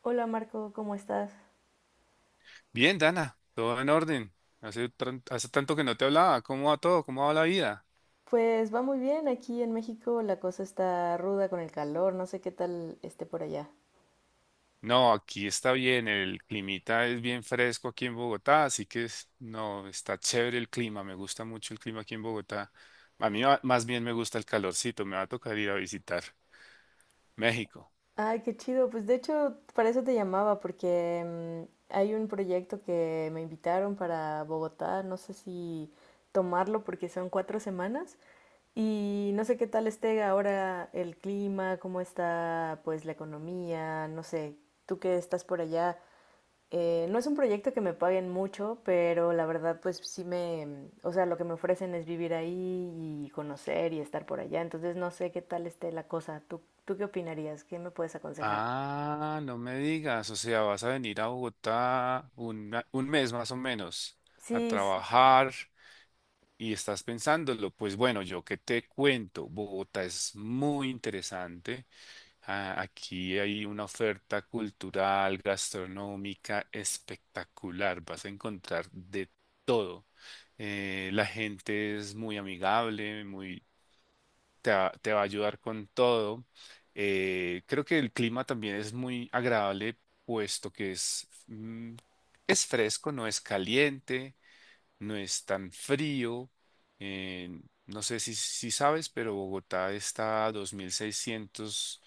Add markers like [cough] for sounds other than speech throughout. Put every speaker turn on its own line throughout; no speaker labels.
Hola Marco, ¿cómo estás?
Bien, Dana, todo en orden. Hace tanto que no te hablaba. ¿Cómo va todo? ¿Cómo va la vida?
Pues va muy bien, aquí en México la cosa está ruda con el calor, no sé qué tal esté por allá.
No, aquí está bien. El climita es bien fresco aquí en Bogotá, así que no, está chévere el clima. Me gusta mucho el clima aquí en Bogotá. Más bien me gusta el calorcito. Me va a tocar ir a visitar México.
Ay, qué chido, pues de hecho para eso te llamaba porque hay un proyecto que me invitaron para Bogotá, no sé si tomarlo porque son 4 semanas y no sé qué tal esté ahora el clima, cómo está pues la economía, no sé, tú que estás por allá, no es un proyecto que me paguen mucho, pero la verdad pues sí me, o sea, lo que me ofrecen es vivir ahí y conocer y estar por allá, entonces no sé qué tal esté la cosa. ¿Tú qué opinarías? ¿Qué me puedes aconsejar?
Ah, no me digas. O sea, vas a venir a Bogotá un mes más o menos a
Sí,
trabajar, y estás pensándolo. Pues bueno, yo qué te cuento, Bogotá es muy interesante. Ah, aquí hay una oferta cultural, gastronómica espectacular, vas a encontrar de todo. La gente es muy amigable, te va a ayudar con todo. Creo que el clima también es muy agradable, puesto que es fresco, no es caliente, no es tan frío. eh, no sé si sabes, pero Bogotá está a 2.600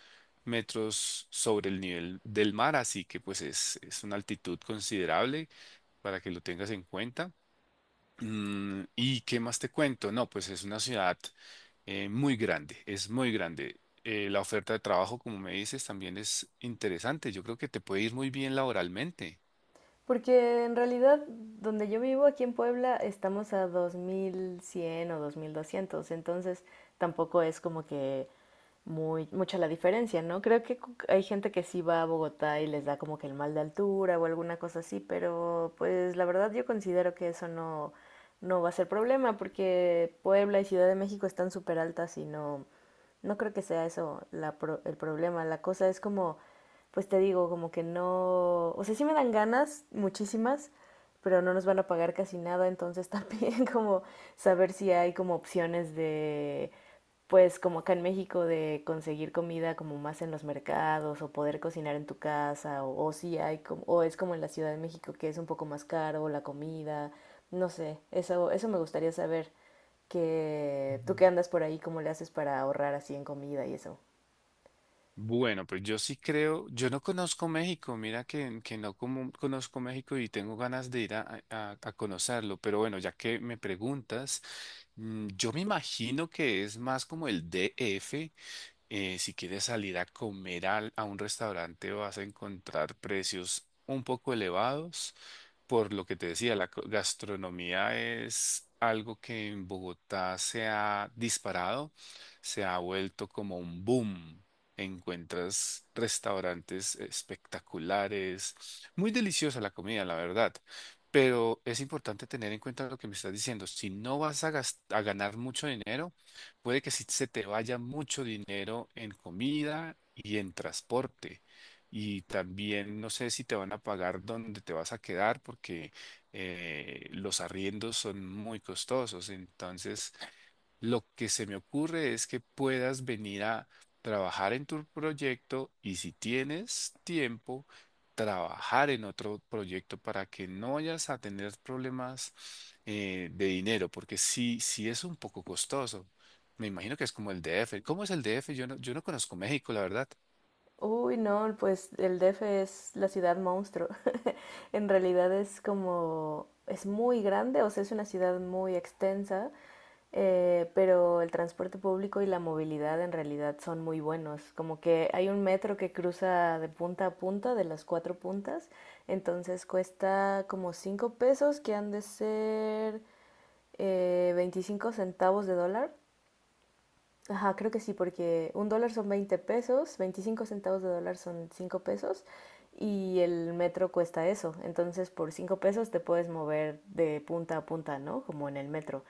metros sobre el nivel del mar, así que es una altitud considerable para que lo tengas en cuenta. ¿Y qué más te cuento? No, pues es una ciudad muy grande, es muy grande. La oferta de trabajo, como me dices, también es interesante. Yo creo que te puede ir muy bien laboralmente.
porque en realidad donde yo vivo aquí en Puebla estamos a 2100 o 2200, entonces tampoco es como que muy, mucha la diferencia, ¿no? Creo que hay gente que sí va a Bogotá y les da como que el mal de altura o alguna cosa así, pero pues la verdad yo considero que eso no, no va a ser problema porque Puebla y Ciudad de México están súper altas y no, no creo que sea eso el problema. La cosa es como, pues te digo, como que no, o sea, sí me dan ganas muchísimas, pero no nos van a pagar casi nada, entonces [laughs] también como saber si hay como opciones de, pues como acá en México, de conseguir comida como más en los mercados o poder cocinar en tu casa, o si hay como, o es como en la Ciudad de México que es un poco más caro la comida, no sé, eso me gustaría saber, que tú que andas por ahí, ¿cómo le haces para ahorrar así en comida y eso?
Bueno, pues yo sí creo, yo no conozco México, mira que no como- conozco México y tengo ganas de a conocerlo, pero bueno, ya que me preguntas, yo me imagino que es más como el DF. Si quieres salir a comer a un restaurante vas a encontrar precios un poco elevados. Por lo que te decía, la gastronomía es algo que en Bogotá se ha disparado, se ha vuelto como un boom. Encuentras restaurantes espectaculares, muy deliciosa la comida, la verdad. Pero es importante tener en cuenta lo que me estás diciendo. Si no vas a a ganar mucho dinero, puede que sí se te vaya mucho dinero en comida y en transporte. Y también no sé si te van a pagar dónde te vas a quedar, porque los arriendos son muy costosos. Entonces, lo que se me ocurre es que puedas venir a trabajar en tu proyecto y si tienes tiempo, trabajar en otro proyecto para que no vayas a tener problemas de dinero, porque sí es un poco costoso. Me imagino que es como el DF. ¿Cómo es el DF? Yo no conozco México, la verdad.
Uy, no, pues el DF es la ciudad monstruo. [laughs] En realidad es como, es muy grande, o sea, es una ciudad muy extensa, pero el transporte público y la movilidad en realidad son muy buenos. Como que hay un metro que cruza de punta a punta, de las cuatro puntas, entonces cuesta como 5 pesos, que han de ser 25 centavos de dólar. Ajá, creo que sí, porque un dólar son 20 pesos, 25 centavos de dólar son 5 pesos, y el metro cuesta eso. Entonces, por 5 pesos te puedes mover de punta a punta, ¿no? Como en el metro.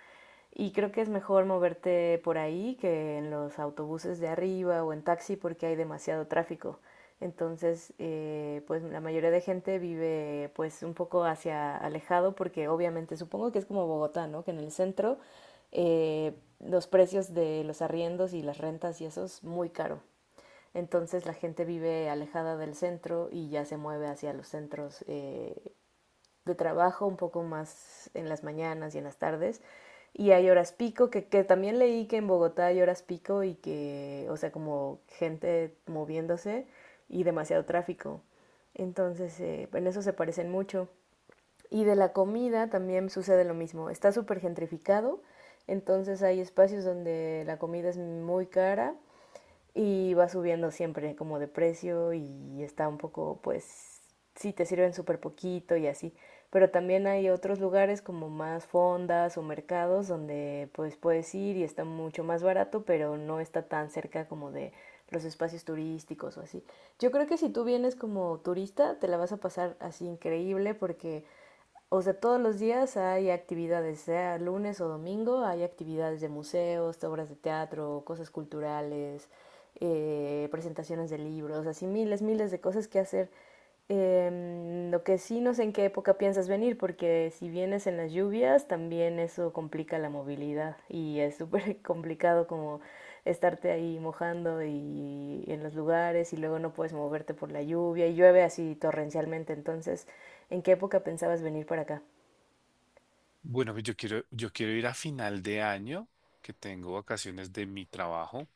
Y creo que es mejor moverte por ahí que en los autobuses de arriba o en taxi porque hay demasiado tráfico. Entonces, pues la mayoría de gente vive pues un poco hacia alejado porque obviamente supongo que es como Bogotá, ¿no? Que en el centro eh, los precios de los arriendos y las rentas y eso es muy caro. Entonces la gente vive alejada del centro y ya se mueve hacia los centros de trabajo un poco más en las mañanas y en las tardes. Y hay horas pico, que también leí que en Bogotá hay horas pico y que, o sea, como gente moviéndose y demasiado tráfico. Entonces, en eso se parecen mucho. Y de la comida también sucede lo mismo. Está súper gentrificado, entonces hay espacios donde la comida es muy cara y va subiendo siempre como de precio, y está un poco, pues, sí te sirven súper poquito y así. Pero también hay otros lugares como más fondas o mercados donde pues puedes ir y está mucho más barato, pero no está tan cerca como de los espacios turísticos o así. Yo creo que si tú vienes como turista, te la vas a pasar así increíble porque, o sea, todos los días hay actividades, sea lunes o domingo, hay actividades de museos, obras de teatro, cosas culturales, presentaciones de libros, así miles, miles de cosas que hacer. Lo que sí no sé en qué época piensas venir, porque si vienes en las lluvias, también eso complica la movilidad y es súper [laughs] complicado como estarte ahí mojando y en los lugares, y luego no puedes moverte por la lluvia y llueve así torrencialmente, entonces, ¿en qué época pensabas venir para acá?
Bueno, yo quiero ir a final de año, que tengo vacaciones de mi trabajo,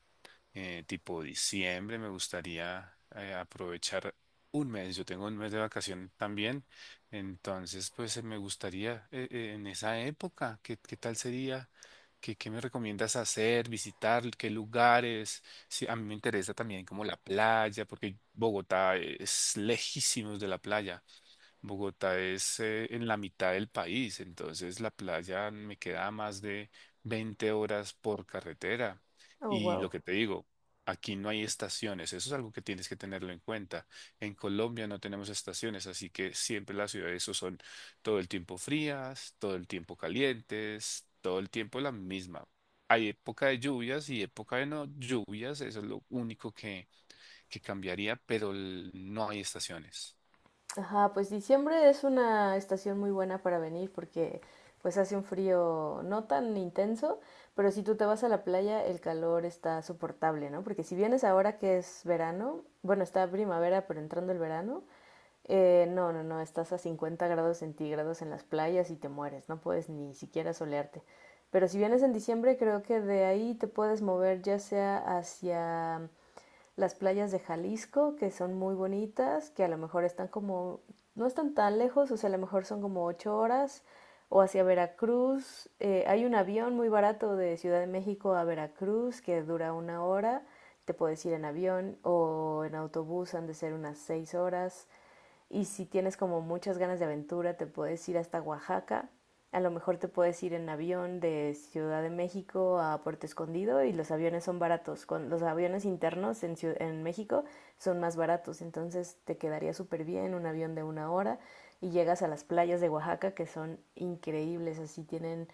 tipo diciembre. Me gustaría aprovechar un mes. Yo tengo un mes de vacación también, entonces me gustaría, en esa época, qué tal sería? Qué me recomiendas hacer, visitar, qué lugares? Sí, a mí me interesa también como la playa, porque Bogotá es lejísimos de la playa. Bogotá es en la mitad del país, entonces la playa me queda a más de 20 horas por carretera.
Oh,
Y lo
wow.
que te digo, aquí no hay estaciones, eso es algo que tienes que tenerlo en cuenta. En Colombia no tenemos estaciones, así que siempre las ciudades o son todo el tiempo frías, todo el tiempo calientes, todo el tiempo la misma. Hay época de lluvias y época de no lluvias, eso es lo único que cambiaría, pero no hay estaciones.
Ajá, pues diciembre es una estación muy buena para venir porque pues hace un frío no tan intenso, pero si tú te vas a la playa el calor está soportable, ¿no? Porque si vienes ahora que es verano, bueno, está primavera pero entrando el verano, no, no, no, estás a 50 grados centígrados en las playas y te mueres, no puedes ni siquiera solearte. Pero si vienes en diciembre creo que de ahí te puedes mover ya sea hacia las playas de Jalisco, que son muy bonitas, que a lo mejor están como, no están tan lejos, o sea, a lo mejor son como 8 horas, o hacia Veracruz. Hay un avión muy barato de Ciudad de México a Veracruz que dura 1 hora, te puedes ir en avión o en autobús, han de ser unas 6 horas. Y si tienes como muchas ganas de aventura, te puedes ir hasta Oaxaca. A lo mejor te puedes ir en avión de Ciudad de México a Puerto Escondido y los aviones son baratos. Con los aviones internos en, en México, son más baratos, entonces te quedaría súper bien un avión de 1 hora y llegas a las playas de Oaxaca que son increíbles, así tienen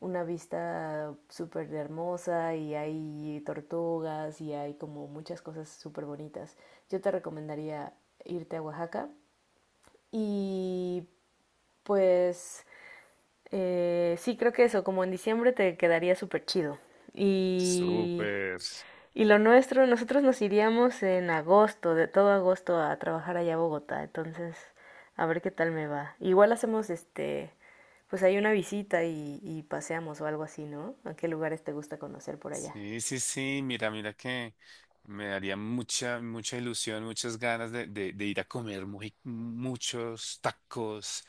una vista súper hermosa y hay tortugas y hay como muchas cosas súper bonitas. Yo te recomendaría irte a Oaxaca y pues sí, creo que eso, como en diciembre te quedaría súper chido. Y,
Súper.
y lo nuestro, nosotros nos iríamos en agosto, de todo agosto a trabajar allá a Bogotá, entonces a ver qué tal me va. Igual hacemos este, pues hay una visita y paseamos o algo así, ¿no? ¿A qué lugares te gusta conocer por allá?
Sí, sí, sí, mira que me daría mucha ilusión, muchas ganas de ir a comer muchos tacos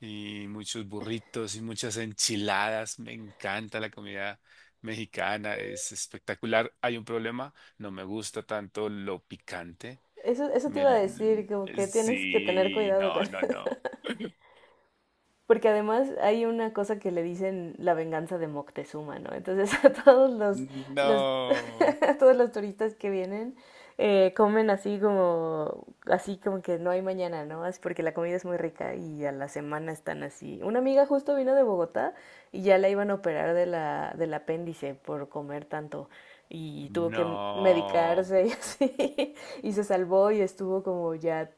y muchos burritos y muchas enchiladas. Me encanta la comida mexicana, es espectacular. Hay un problema, no me gusta tanto lo picante.
Eso te
Me,
iba a decir, como que tienes que tener
sí,
cuidado
no,
con.
no, no. [laughs]
Porque además hay una cosa que le dicen la venganza de Moctezuma, ¿no? Entonces [laughs] a todos los
No,
[laughs] a todos los turistas que vienen comen así, como así como que no hay mañana, ¿no? Es porque la comida es muy rica y a la semana están así. Una amiga justo vino de Bogotá y ya la iban a operar de la, del apéndice, por comer tanto y tuvo que
no.
medicarse y [laughs] así, y se salvó y estuvo como ya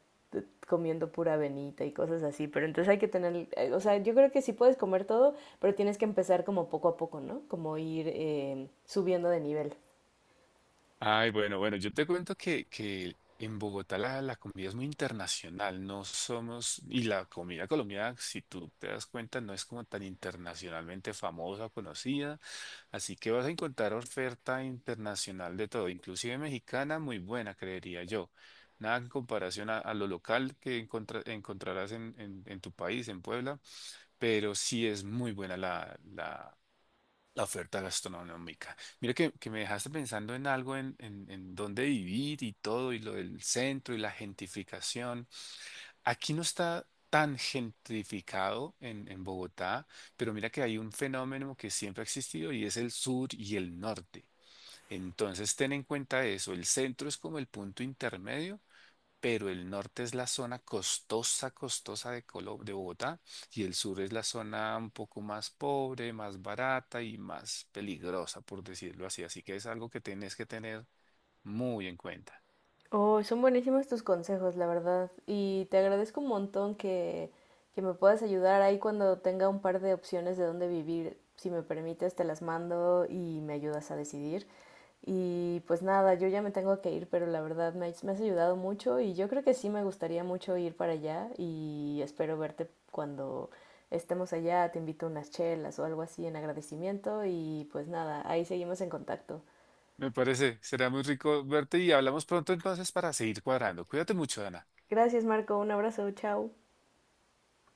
comiendo pura avenita y cosas así, pero entonces hay que tener, o sea, yo creo que sí puedes comer todo, pero tienes que empezar como poco a poco, ¿no? Como ir subiendo de nivel.
Ay, bueno, bueno, yo te cuento que en Bogotá la comida es muy internacional, no somos, y la comida colombiana, si tú te das cuenta, no es como tan internacionalmente famosa o conocida, así que vas a encontrar oferta internacional de todo, inclusive mexicana, muy buena, creería yo. Nada en comparación a lo local que encontrarás en tu país, en Puebla, pero sí es muy buena la oferta gastronómica. Mira que me dejaste pensando en algo, en dónde vivir y todo, y lo del centro y la gentrificación. Aquí no está tan gentrificado en Bogotá, pero mira que hay un fenómeno que siempre ha existido y es el sur y el norte. Entonces ten en cuenta eso, el centro es como el punto intermedio, pero el norte es la zona costosa de de Bogotá, y el sur es la zona un poco más pobre, más barata y más peligrosa, por decirlo así. Así que es algo que tienes que tener muy en cuenta.
Oh, son buenísimos tus consejos, la verdad. Y te agradezco un montón que me puedas ayudar ahí cuando tenga un par de opciones de dónde vivir. Si me permites, te las mando y me ayudas a decidir. Y pues nada, yo ya me tengo que ir, pero la verdad me has ayudado mucho y yo creo que sí me gustaría mucho ir para allá y espero verte cuando estemos allá. Te invito a unas chelas o algo así en agradecimiento y pues nada, ahí seguimos en contacto.
Me parece, será muy rico verte y hablamos pronto entonces para seguir cuadrando. Cuídate mucho, Ana.
Gracias, Marco. Un abrazo. Chao.